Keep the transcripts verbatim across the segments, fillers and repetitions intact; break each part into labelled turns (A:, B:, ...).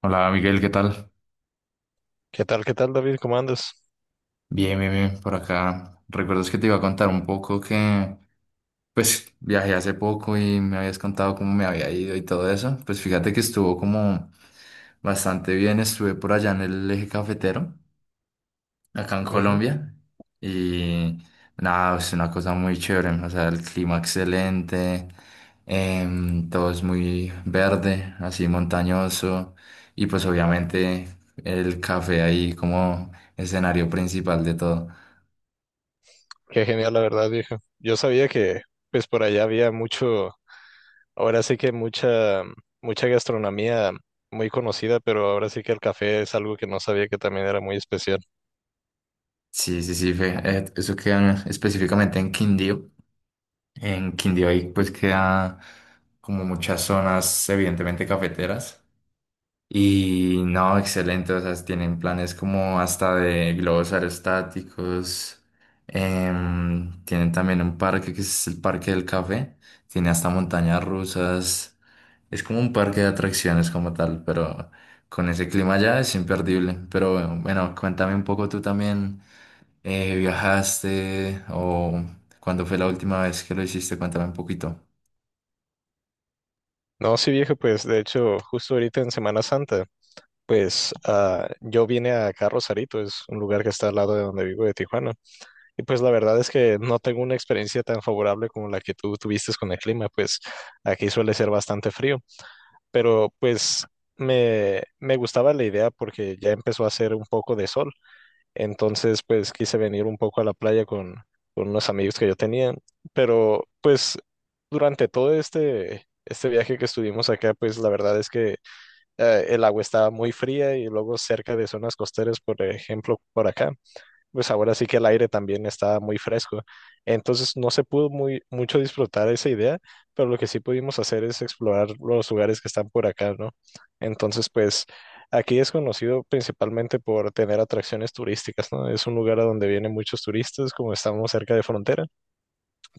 A: Hola Miguel, ¿qué tal?
B: ¿Qué tal, qué tal, David? ¿Cómo andas?
A: Bien, bien, bien, por acá. ¿Recuerdas que te iba a contar un poco que, pues, viajé hace poco y me habías contado cómo me había ido y todo eso? Pues fíjate que estuvo como bastante bien, estuve por allá en el eje cafetero, acá en
B: Ujú.
A: Colombia, y nada, es una cosa muy chévere, o sea, el clima excelente, em, todo es muy verde, así montañoso, y pues obviamente el café ahí como escenario principal de todo.
B: Qué genial, la verdad, viejo. Yo sabía que, pues, por allá había mucho, ahora sí que mucha, mucha gastronomía muy conocida, pero ahora sí que el café es algo que no sabía que también era muy especial.
A: Sí, sí, sí, fe. Eh, Eso queda específicamente en Quindío. En Quindío ahí pues queda como muchas zonas evidentemente cafeteras. Y no, excelente, o sea, tienen planes como hasta de globos aerostáticos, em, tienen también un parque que es el Parque del Café, tiene hasta montañas rusas, es como un parque de atracciones como tal, pero con ese clima ya es imperdible. Pero bueno, bueno, cuéntame un poco tú también, eh, ¿viajaste o cuándo fue la última vez que lo hiciste? Cuéntame un poquito.
B: No, sí, viejo, pues, de hecho, justo ahorita en Semana Santa, pues, ah, yo vine acá a Rosarito, es un lugar que está al lado de donde vivo, de Tijuana. Y pues la verdad es que no tengo una experiencia tan favorable como la que tú tuviste con el clima, pues aquí suele ser bastante frío, pero pues me, me gustaba la idea porque ya empezó a hacer un poco de sol, entonces pues quise venir un poco a la playa con, con unos amigos que yo tenía, pero pues durante todo este, este viaje que estuvimos acá, pues la verdad es que eh, el agua estaba muy fría y luego cerca de zonas costeras, por ejemplo, por acá pues ahora sí que el aire también está muy fresco. Entonces no se pudo muy mucho disfrutar esa idea, pero lo que sí pudimos hacer es explorar los lugares que están por acá, ¿no? Entonces, pues aquí es conocido principalmente por tener atracciones turísticas, ¿no? Es un lugar a donde vienen muchos turistas, como estamos cerca de frontera,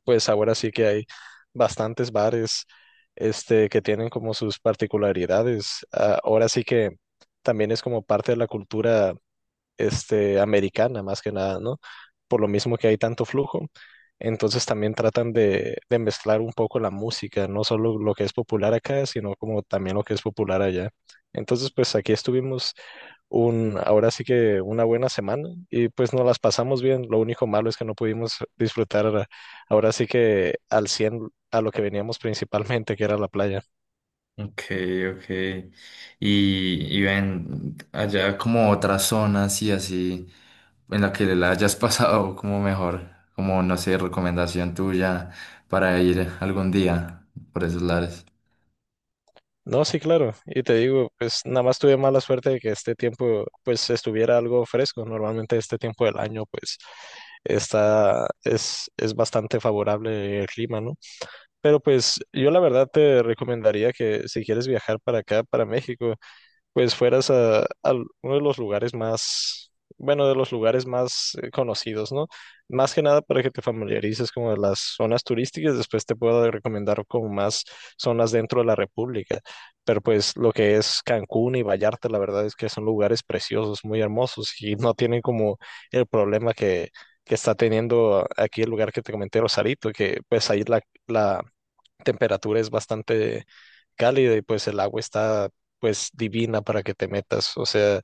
B: pues ahora sí que hay bastantes bares, este, que tienen como sus particularidades. Ah, ahora sí que también es como parte de la cultura este, americana más que nada, ¿no? Por lo mismo que hay tanto flujo. Entonces también tratan de, de mezclar un poco la música, no solo lo que es popular acá, sino como también lo que es popular allá. Entonces, pues aquí estuvimos un, ahora sí que una buena semana y pues nos las pasamos bien. Lo único malo es que no pudimos disfrutar ahora sí que al cien a lo que veníamos principalmente, que era la playa.
A: Ok, ok. Y, y ven allá como otras zonas y así en la que la hayas pasado como mejor, como no sé, recomendación tuya para ir algún día por esos lares.
B: No, sí, claro. Y te digo, pues nada más tuve mala suerte de que este tiempo, pues estuviera algo fresco. Normalmente este tiempo del año, pues está, es, es bastante favorable el clima, ¿no? Pero pues yo la verdad te recomendaría que si quieres viajar para acá, para México, pues fueras a, a uno de los lugares más, bueno, de los lugares más eh, conocidos, ¿no? Más que nada para que te familiarices como de las zonas turísticas, después te puedo recomendar como más zonas dentro de la República, pero pues lo que es Cancún y Vallarta, la verdad es que son lugares preciosos, muy hermosos y no tienen como el problema que... que está teniendo aquí el lugar que te comenté, Rosarito, que pues ahí la, la, temperatura es bastante cálida y pues el agua está pues divina para que te metas. O sea,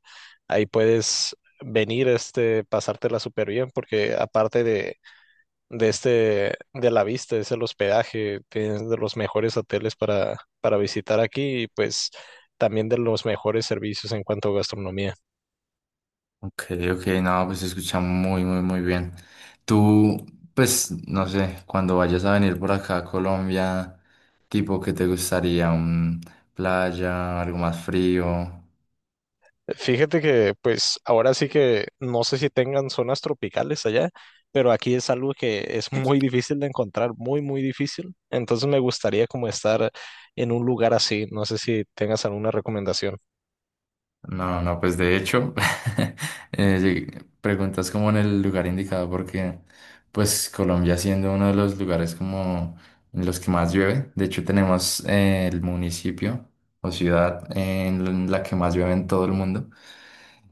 B: ahí puedes venir, este, pasártela súper bien porque aparte de, de este, de la vista, es el hospedaje, tienes de los mejores hoteles para, para visitar aquí y pues también de los mejores servicios en cuanto a gastronomía.
A: Ok, ok, no, pues se escucha muy, muy, muy bien. Tú, pues, no sé, cuando vayas a venir por acá a Colombia, tipo, ¿qué te gustaría? ¿Un playa, algo más frío?
B: Fíjate que, pues, ahora sí que no sé si tengan zonas tropicales allá, pero aquí es algo que es muy difícil de encontrar, muy, muy difícil. Entonces me gustaría como estar en un lugar así. No sé si tengas alguna recomendación.
A: No, no, pues de hecho, eh, lleg- preguntas como en el lugar indicado porque pues Colombia siendo uno de los lugares como en los que más llueve, de hecho tenemos eh, el municipio o ciudad en la que más llueve en todo el mundo,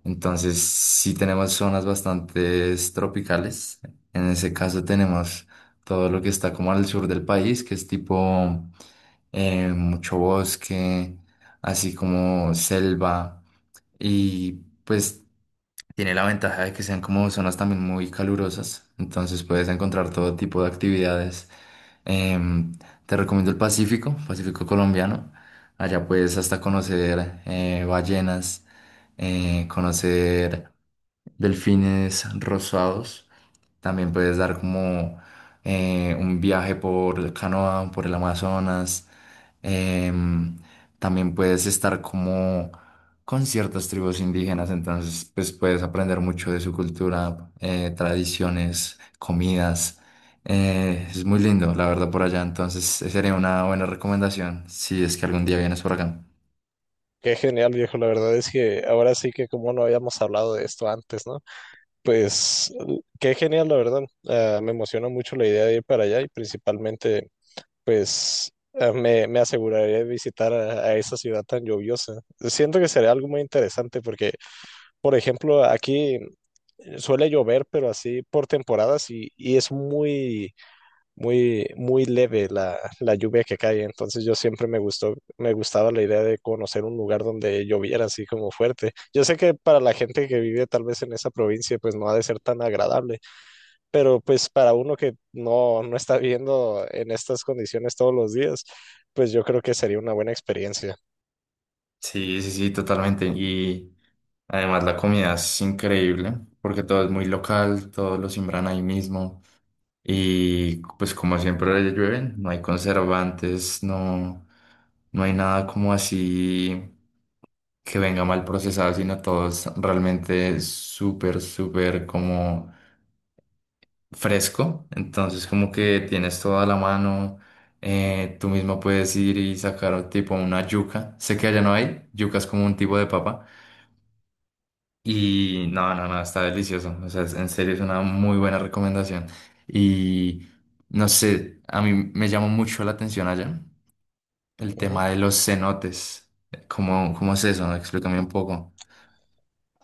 A: entonces sí tenemos zonas bastante tropicales, en ese caso tenemos todo lo que está como al sur del país, que es tipo eh, mucho bosque, así como selva y pues tiene la ventaja de que sean como zonas también muy calurosas, entonces puedes encontrar todo tipo de actividades. Em, Te recomiendo el Pacífico, Pacífico colombiano. Allá puedes hasta conocer eh, ballenas, eh, conocer delfines rosados. También puedes dar como eh, un viaje por canoa, por el Amazonas. Em, También puedes estar como con ciertas tribus indígenas, entonces pues puedes aprender mucho de su cultura, eh, tradiciones, comidas. Eh, es muy lindo, la verdad, por allá. Entonces, sería una buena recomendación si es que algún día vienes por acá.
B: Qué genial, viejo. La verdad es que ahora sí que como no habíamos hablado de esto antes, ¿no? Pues, qué genial, la verdad. Ah, me emociona mucho la idea de ir para allá y principalmente pues eh, me, me aseguraré de visitar a, a esa ciudad tan lluviosa. Siento que sería algo muy interesante porque, por ejemplo, aquí eh, suele llover, pero así por temporadas y, y es muy, muy, muy leve la, la lluvia que cae. Entonces yo siempre me gustó, me gustaba la idea de conocer un lugar donde lloviera así como fuerte. Yo sé que para la gente que vive tal vez en esa provincia, pues no ha de ser tan agradable pero pues para uno que no, no está viendo en estas condiciones todos los días, pues yo creo que sería una buena experiencia.
A: Sí, sí, sí, totalmente. Y además la comida es increíble porque todo es muy local, todos lo siembran ahí mismo. Y pues como siempre le llueven, no hay conservantes, no, no hay nada como así que venga mal procesado, sino todo es realmente súper, súper como fresco, entonces como que tienes toda la mano, eh, tú mismo puedes ir y sacar tipo una yuca, sé que allá no hay, yuca es como un tipo de papa y no, no, no, está delicioso, o sea, es- en serio es una muy buena recomendación y no sé, a mí me llama mucho la atención allá el
B: Ujú.
A: tema de los cenotes, ¿cómo, cómo es eso? Explícame un poco.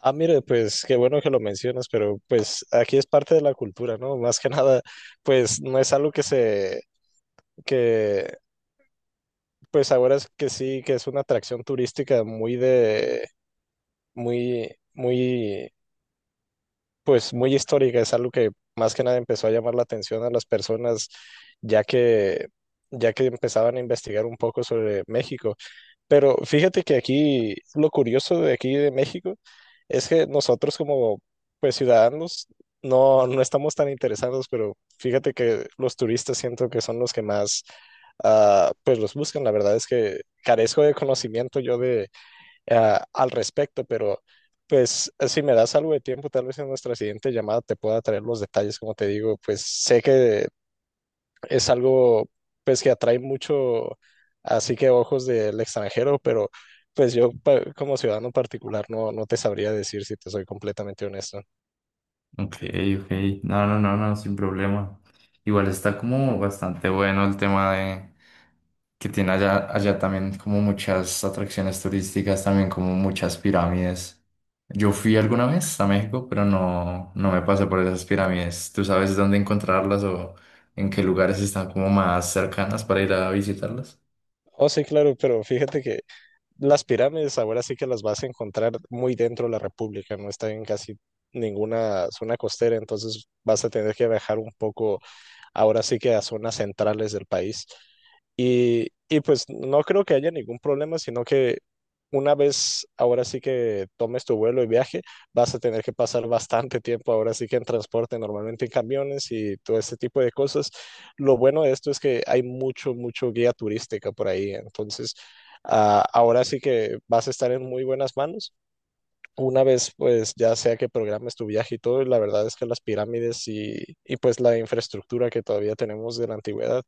B: Ah, mire, pues qué bueno que lo mencionas, pero pues aquí es parte de la cultura, ¿no? Más que nada, pues no es algo que se, que pues ahora es que sí, que es una atracción turística muy de, muy, muy pues muy histórica, es algo que más que nada empezó a llamar la atención a las personas ya que ya que empezaban a investigar un poco sobre México. Pero fíjate que aquí lo curioso de aquí de México es que nosotros como pues ciudadanos no no estamos tan interesados, pero fíjate que los turistas siento que son los que más ah, pues los buscan. La verdad es que carezco de conocimiento yo de ah, al respecto, pero pues si me das algo de tiempo, tal vez en nuestra siguiente llamada te pueda traer los detalles, como te digo, pues sé que es algo pues que atrae mucho, así que ojos del extranjero, pero pues yo pa- como ciudadano particular no, no te sabría decir si te soy completamente honesto.
A: Ok, ok. No, no, no, no, sin problema. Igual está como bastante bueno el tema de que tiene allá, allá también como muchas atracciones turísticas, también como muchas pirámides. Yo fui alguna vez a México, pero no, no me pasé por esas pirámides. ¿Tú sabes dónde encontrarlas o en qué lugares están como más cercanas para ir a visitarlas?
B: Oh, sí, claro, pero fíjate que las pirámides ahora sí que las vas a encontrar muy dentro de la República, no está en casi ninguna zona costera, entonces vas a tener que viajar un poco ahora sí que a zonas centrales del país. Y, y pues no creo que haya ningún problema, sino que una vez ahora sí que tomes tu vuelo y viaje, vas a tener que pasar bastante tiempo ahora sí que en transporte, normalmente en camiones y todo este tipo de cosas. Lo bueno de esto es que hay mucho, mucho guía turística por ahí, entonces ah, ahora sí que vas a estar en muy buenas manos. Una vez, pues ya sea que programes tu viaje y todo, la verdad es que las pirámides y, y pues la infraestructura que todavía tenemos de la antigüedad,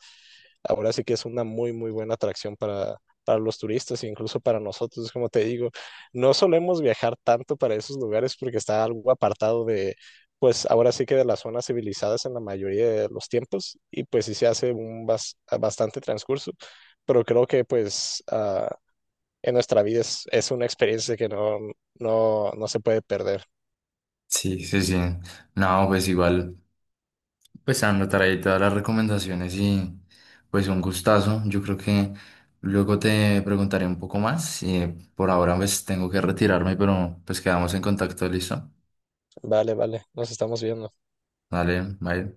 B: ahora sí que es una muy, muy buena atracción para, para los turistas e incluso para nosotros, como te digo, no solemos viajar tanto para esos lugares porque está algo apartado de, pues ahora sí que de las zonas civilizadas en la mayoría de los tiempos y pues sí se hace un bas- bastante transcurso, pero creo que pues... ah, en nuestra vida es, es una experiencia que no, no, no se puede perder.
A: Sí, sí, sí. No, pues igual. Pues Sandra, traí todas las recomendaciones y pues un gustazo. Yo creo que luego te preguntaré un poco más. Y eh, por ahora pues tengo que retirarme, pero pues quedamos en contacto, ¿listo?
B: Vale, vale, nos estamos viendo.
A: Dale, bye.